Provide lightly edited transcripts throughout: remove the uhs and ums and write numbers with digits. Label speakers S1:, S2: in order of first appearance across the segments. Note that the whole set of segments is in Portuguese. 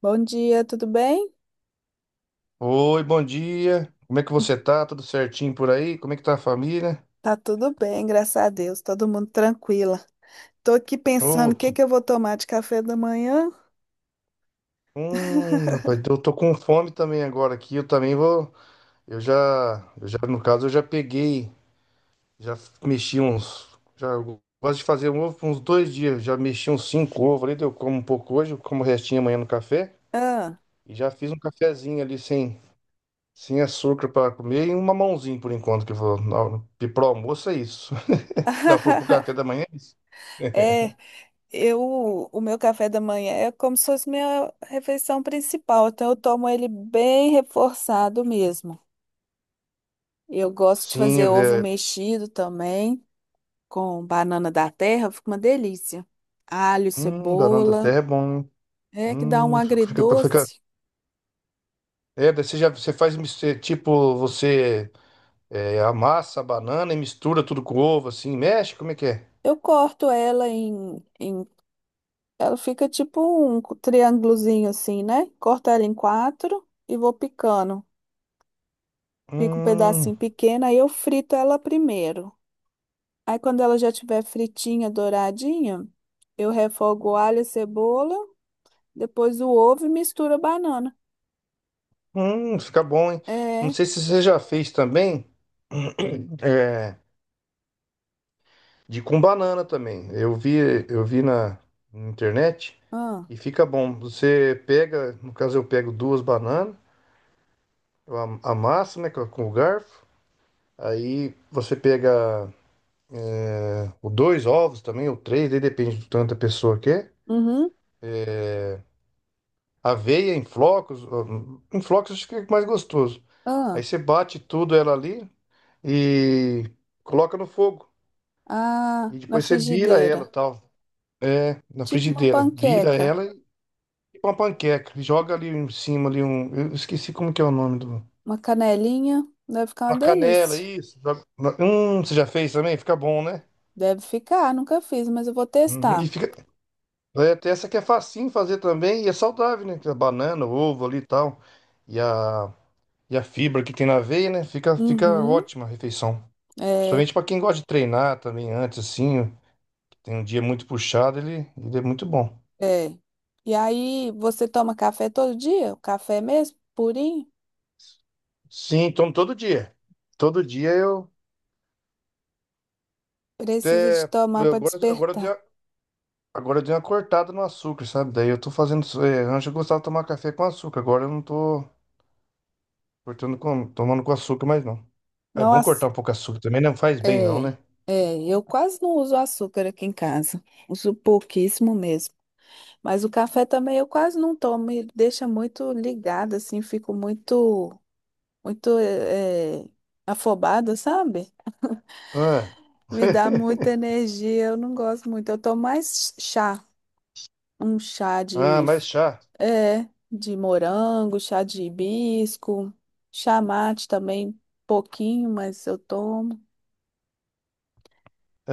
S1: Bom dia, tudo bem?
S2: Oi, bom dia. Como é que você tá? Tudo certinho por aí? Como é que tá a família?
S1: Tá tudo bem, graças a Deus, todo mundo tranquila. Tô aqui pensando
S2: Ô,
S1: o que
S2: que...
S1: que eu vou tomar de café da manhã.
S2: Rapaz, eu tô com fome também agora aqui. Eu também vou. Eu já, eu já, no caso, eu já peguei, já mexi uns. Já eu gosto de fazer um ovo por uns 2 dias. Já mexi uns cinco ovos ali. Eu como um pouco hoje, eu como o restinho amanhã no café.
S1: Ah.
S2: E já fiz um cafezinho ali sem açúcar para comer e um mamãozinho por enquanto que eu vou. Pro almoço é isso. Dá pro café da manhã?
S1: É, o meu café da manhã é como se fosse minha refeição principal, então eu tomo ele bem reforçado mesmo. Eu gosto de
S2: Sim.
S1: fazer ovo mexido também, com banana da terra, fica uma delícia. Alho,
S2: Banana da
S1: cebola,
S2: terra é bom, hein?
S1: é que dá um
S2: Hum, Fica, fica...
S1: agridoce.
S2: É, daí você faz tipo, amassa a banana e mistura tudo com ovo, assim, mexe, como é que é?
S1: Eu corto ela ela fica tipo um triângulozinho assim, né? Corto ela em quatro e vou picando. Pico um
S2: Hum,
S1: pedacinho pequeno, aí eu frito ela primeiro. Aí quando ela já tiver fritinha, douradinha, eu refogo o alho e cebola, depois o ovo e misturo a banana.
S2: fica bom, hein? Não
S1: É,
S2: sei se você já fez também, é, de com banana também. Eu vi na internet
S1: ah,
S2: e fica bom. Você pega, no caso eu pego duas bananas, eu amasso, né, com o garfo. Aí você pega O dois ovos também, ou três, aí depende do tanto da pessoa que é.
S1: uhum,
S2: Aveia em flocos acho que fica mais gostoso. Aí
S1: ah,
S2: você bate tudo ela ali e coloca no fogo.
S1: ah,
S2: E
S1: na
S2: depois você vira
S1: frigideira.
S2: ela, tal, na
S1: Tipo uma
S2: frigideira. Vira
S1: panqueca,
S2: ela e fica uma panqueca. E joga ali em cima ali um, eu esqueci como que é o nome do.
S1: uma canelinha, deve ficar uma
S2: Uma canela,
S1: delícia.
S2: isso. Você já fez também? Fica bom, né?
S1: Deve ficar, nunca fiz, mas eu vou
S2: Uhum.
S1: testar.
S2: E fica, tem essa que é facinho fazer também e é saudável, né? Que é banana, ovo ali e tal. E a fibra que tem na veia, né? Fica, fica
S1: Uhum,
S2: ótima a refeição.
S1: é.
S2: Principalmente para quem gosta de treinar também antes, assim, tem um dia muito puxado, ele é muito bom.
S1: É. E aí, você toma café todo dia? O café é mesmo, purinho?
S2: Sim, então todo dia. Todo dia eu,
S1: Precisa de
S2: é,
S1: tomar
S2: eu
S1: para
S2: agora
S1: despertar.
S2: agora eu dei uma cortada no açúcar, sabe? Daí eu tô fazendo. É, antes eu gostava de tomar café com açúcar, agora eu não tô tomando com açúcar mais não. É bom cortar
S1: Nossa,
S2: um pouco açúcar também, não faz bem não,
S1: é.
S2: né?
S1: É, eu quase não uso açúcar aqui em casa. Uso pouquíssimo mesmo. Mas o café também eu quase não tomo. Ele deixa muito ligado, assim, fico muito, muito afobada, sabe?
S2: Ah,
S1: Me dá muita energia, eu não gosto muito. Eu tomo mais chá, um chá
S2: ah
S1: de
S2: mais chá.
S1: É, de morango, chá de hibisco, chá mate também, pouquinho, mas eu tomo,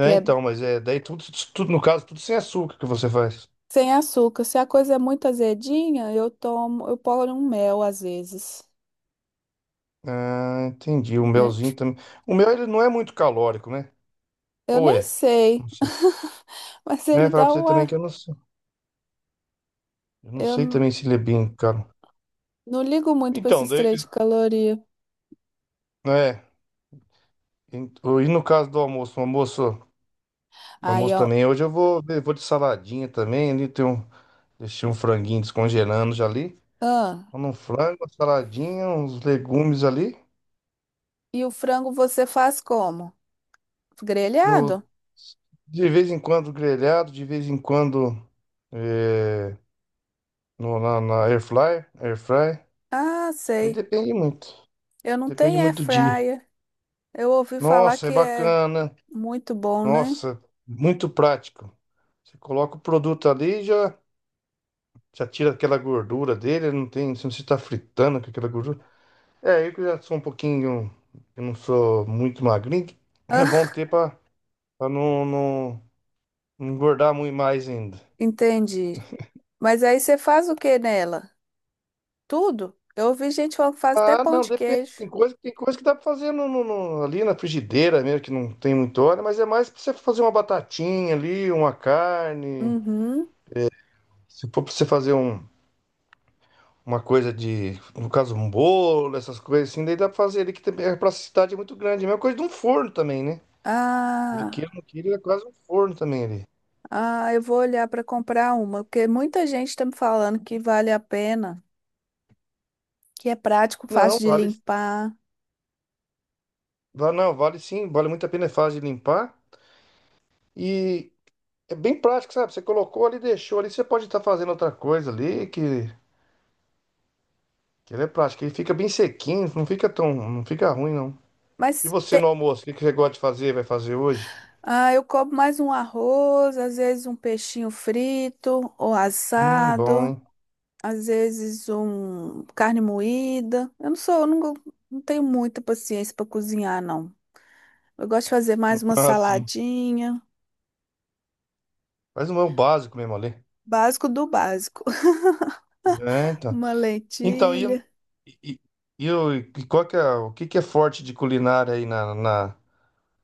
S1: que é
S2: então, mas daí tudo, tudo, no caso, tudo sem açúcar que você faz.
S1: sem açúcar. Se a coisa é muito azedinha, eu ponho um mel às vezes,
S2: Ah, entendi. O
S1: né?
S2: melzinho também. O mel, ele não é muito calórico, né?
S1: Eu
S2: Ou
S1: nem
S2: é?
S1: sei,
S2: Não sei.
S1: mas
S2: É,
S1: ele
S2: falar
S1: dá
S2: pra você também
S1: uma.
S2: que eu não sei. Eu não
S1: Eu
S2: sei também se ele é bem caro.
S1: não ligo muito para
S2: Então,
S1: esses
S2: daí,
S1: três de caloria.
S2: é. E no caso do almoço, o
S1: Aí,
S2: almoço
S1: ó.
S2: também, hoje eu vou de saladinha também, ali tem um, deixei um franguinho descongelando já ali.
S1: Ah,
S2: Então, um frango, uma saladinha, uns legumes ali.
S1: e o frango você faz como? Grelhado?
S2: Eu, de vez em quando, grelhado, de vez em quando, é, no, na, na air fryer, air fry.
S1: Ah,
S2: Aí
S1: sei.
S2: depende muito.
S1: Eu não
S2: Depende
S1: tenho air
S2: muito do dia.
S1: fryer. Eu ouvi falar
S2: Nossa, é
S1: que é
S2: bacana.
S1: muito bom, né?
S2: Nossa, muito prático. Você coloca o produto ali e já tira aquela gordura dele. Não tem, se você não está fritando com aquela gordura. É, eu que já sou um pouquinho. Eu não sou muito magrinho. É bom ter para não, não não engordar muito mais ainda.
S1: Entendi. Mas aí você faz o que nela? Tudo? Eu ouvi gente falando que faz até
S2: Ah,
S1: pão
S2: não,
S1: de
S2: depende.
S1: queijo.
S2: Tem coisa que dá pra fazer ali na frigideira mesmo, que não tem muito óleo, mas é mais pra você fazer uma batatinha ali, uma carne.
S1: Uhum.
S2: Se for pra você fazer uma coisa de, no caso, um bolo, essas coisas assim, daí dá pra fazer ali, que também é pra cidade é muito grande. É a mesma coisa de um forno também, né? Ele
S1: Ah,
S2: queira ou não queira, ele é quase um forno também ali.
S1: ah, eu vou olhar para comprar uma, porque muita gente está me falando que vale a pena, que é prático, fácil
S2: Não,
S1: de
S2: vale,
S1: limpar.
S2: vale, não, vale sim, vale muito a pena, é fácil de limpar. E é bem prático, sabe? Você colocou ali, deixou ali, você pode estar fazendo outra coisa ali, que. Que ele é prático, ele fica bem sequinho, não fica tão, não fica ruim não. E
S1: Mas
S2: você no almoço, o que que você gosta de fazer, vai fazer hoje?
S1: ah, eu como mais um arroz, às vezes um peixinho frito ou
S2: Bom,
S1: assado,
S2: hein?
S1: às vezes um carne moída. Eu não sou, eu não, não tenho muita paciência para cozinhar, não. Eu gosto de fazer mais uma
S2: Ah, sim.
S1: saladinha,
S2: Mas não é o básico mesmo, ali.
S1: básico do básico.
S2: É, então.
S1: Uma
S2: Então,
S1: lentilha.
S2: e, e qual que é, o que que é forte de culinária aí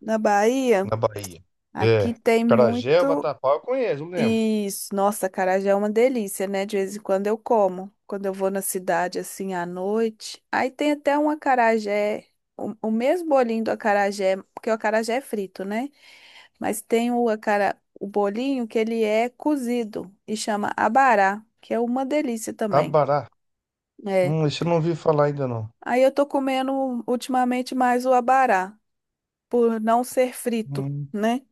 S1: Na Bahia,
S2: na Bahia?
S1: aqui
S2: É,
S1: tem
S2: acarajé,
S1: muito
S2: vatapá, eu conheço, eu lembro.
S1: isso. Nossa, acarajé é uma delícia, né? De vez em quando eu como. Quando eu vou na cidade assim à noite. Aí tem até um acarajé, o mesmo bolinho do acarajé, porque o acarajé é frito, né? Mas tem o bolinho que ele é cozido e chama abará, que é uma delícia também.
S2: Abará.
S1: É.
S2: Esse eu não ouvi falar ainda não.
S1: Aí eu tô comendo ultimamente mais o abará, por não ser frito,
S2: Hum.
S1: né?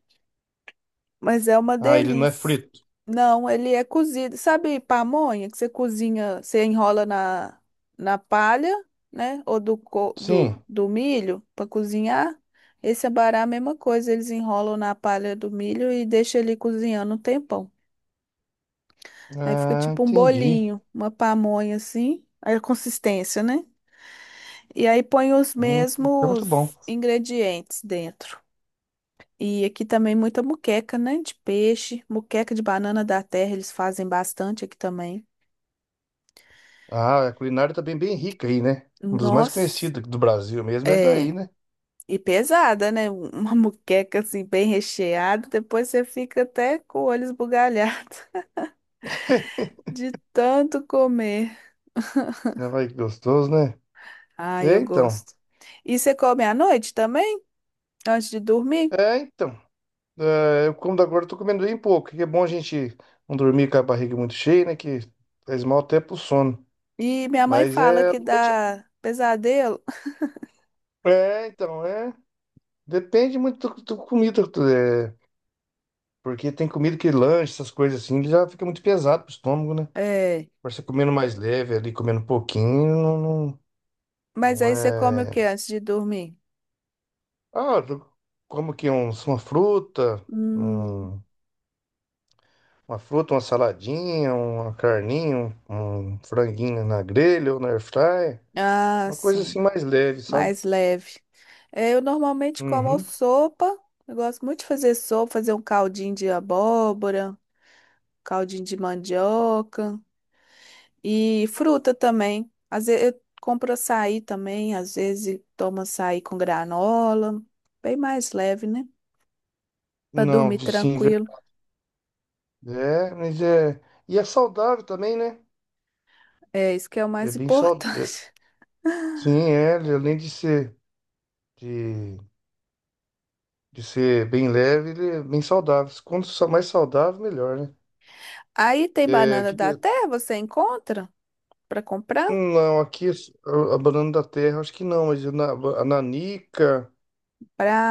S1: Mas é uma
S2: Ah, ele não é
S1: delícia.
S2: frito.
S1: Não, ele é cozido. Sabe pamonha que você cozinha, você enrola na palha, né? Ou do, co- do,
S2: Sim.
S1: do milho para cozinhar? Esse abará é a mesma coisa, eles enrolam na palha do milho e deixam ele cozinhando um tempão. Aí fica
S2: Ah,
S1: tipo um
S2: entendi.
S1: bolinho, uma pamonha assim, aí a consistência, né? E aí põe os
S2: Hum, é muito bom.
S1: mesmos ingredientes dentro. E aqui também muita moqueca, né? De peixe, moqueca de banana da terra, eles fazem bastante aqui também.
S2: Ah, a culinária também é bem rica aí, né? Um dos mais
S1: Nossa,
S2: conhecidos do Brasil mesmo é
S1: é.
S2: daí, né?
S1: E pesada, né? Uma moqueca assim, bem recheada. Depois você fica até com o olho esbugalhado de tanto comer.
S2: Não vai que gostoso, né?
S1: Ai,
S2: É,
S1: eu
S2: então.
S1: gosto. E você come à noite também, antes de dormir?
S2: É, então. É, eu como da agora, tô comendo bem pouco. Que é bom a gente não dormir com a barriga muito cheia, né? Que faz mal até pro sono.
S1: E minha mãe
S2: Mas
S1: fala
S2: é.
S1: que dá pesadelo.
S2: É, então. Depende muito do comida. Tu É, porque tem comida que lanche, essas coisas assim, ele já fica muito pesado pro estômago, né?
S1: É.
S2: Agora você comendo mais leve ali, comendo um pouquinho,
S1: Mas
S2: não
S1: aí você come o que
S2: é.
S1: antes de dormir?
S2: Ah, eu como que uma fruta,
S1: Hum,
S2: um- uma fruta, uma saladinha, uma carninha, um franguinho na grelha ou na air fryer,
S1: ah,
S2: uma coisa assim
S1: sim,
S2: mais leve, sabe?
S1: mais leve. É, eu normalmente como
S2: Uhum.
S1: sopa. Eu gosto muito de fazer sopa, fazer um caldinho de abóbora, caldinho de mandioca e fruta também. Às vezes eu compro açaí também, às vezes tomo açaí com granola, bem mais leve, né? Para
S2: Não,
S1: dormir
S2: sim,
S1: tranquilo.
S2: mas e é saudável também, né?
S1: É isso que é o
S2: É
S1: mais
S2: bem saudável.
S1: importante.
S2: Sim, ele, além de ser de, de ser bem leve, ele é bem saudável. Quanto mais saudável, melhor, né?
S1: Aí tem
S2: É,
S1: banana
S2: que
S1: da terra, você encontra para comprar?
S2: Não, aqui a banana da terra, acho que não, mas a nanica,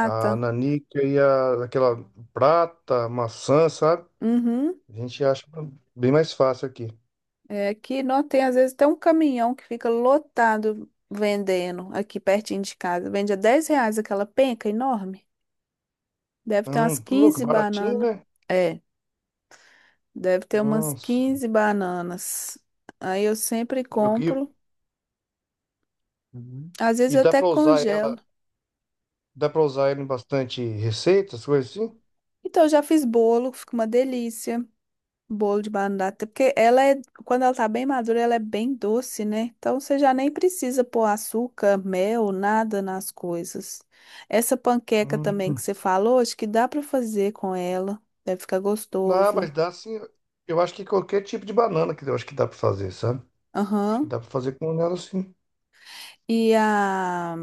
S2: e aquela prata, maçã, sabe?
S1: Uhum.
S2: A gente acha bem mais fácil aqui.
S1: É, aqui não tem, às vezes, até um caminhão que fica lotado vendendo aqui pertinho de casa. Vende a R$ 10 aquela penca enorme. Deve ter umas
S2: Tô louco,
S1: 15
S2: baratinho,
S1: bananas.
S2: né?
S1: É, deve ter umas
S2: Nossa.
S1: 15 bananas. Aí eu sempre
S2: E, eu-
S1: compro.
S2: e-
S1: Às vezes
S2: e
S1: eu até congelo.
S2: dá pra usar ela em bastante receitas, coisas assim?
S1: Então, eu já fiz bolo, fica uma delícia. Bolo de banana, porque quando ela tá bem madura, ela é bem doce, né? Então você já nem precisa pôr açúcar, mel, nada nas coisas. Essa panqueca também que
S2: Hum.
S1: você falou, acho que dá pra fazer com ela, deve ficar
S2: Não,
S1: gostoso.
S2: mas dá sim. Eu acho que qualquer tipo de banana que eu acho que dá pra fazer, sabe? Acho que
S1: Aham.
S2: dá pra fazer com ela sim.
S1: E a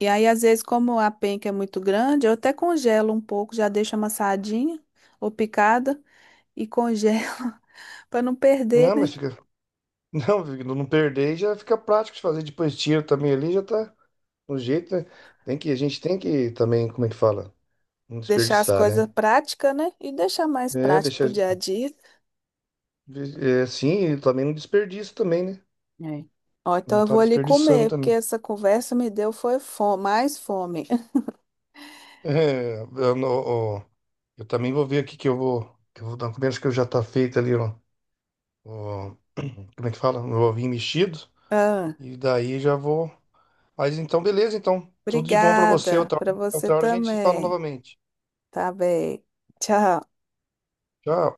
S1: e aí às vezes como a penca é muito grande, eu até congelo um pouco, já deixo amassadinha ou picada e congelo pra não perder,
S2: Não, mas
S1: né?
S2: fica. Não, não perder já fica prático de fazer depois tiro também ali, já tá no jeito, né? A gente tem que também, como é que fala? Não
S1: Deixar as
S2: desperdiçar,
S1: coisas
S2: né?
S1: práticas, né? E deixar mais
S2: É,
S1: prático pro
S2: deixar.
S1: dia a dia.
S2: É, assim, e também não desperdiça também, né?
S1: É. Ó,
S2: Não
S1: então eu
S2: tá
S1: vou ali
S2: desperdiçando
S1: comer, porque
S2: também.
S1: essa conversa me deu foi fome, mais fome.
S2: É, eu, ó, eu também vou ver aqui que eu vou. Que eu vou dar um comida, acho que já tá feito ali, ó. Ó, como é que fala? Meu ovinho mexido.
S1: Ah,
S2: E daí já vou. Mas então, beleza, então. Tudo de bom pra você.
S1: obrigada
S2: Outra,
S1: para você
S2: outra hora a gente se fala
S1: também.
S2: novamente.
S1: Tá bem. Tchau.
S2: Tchau.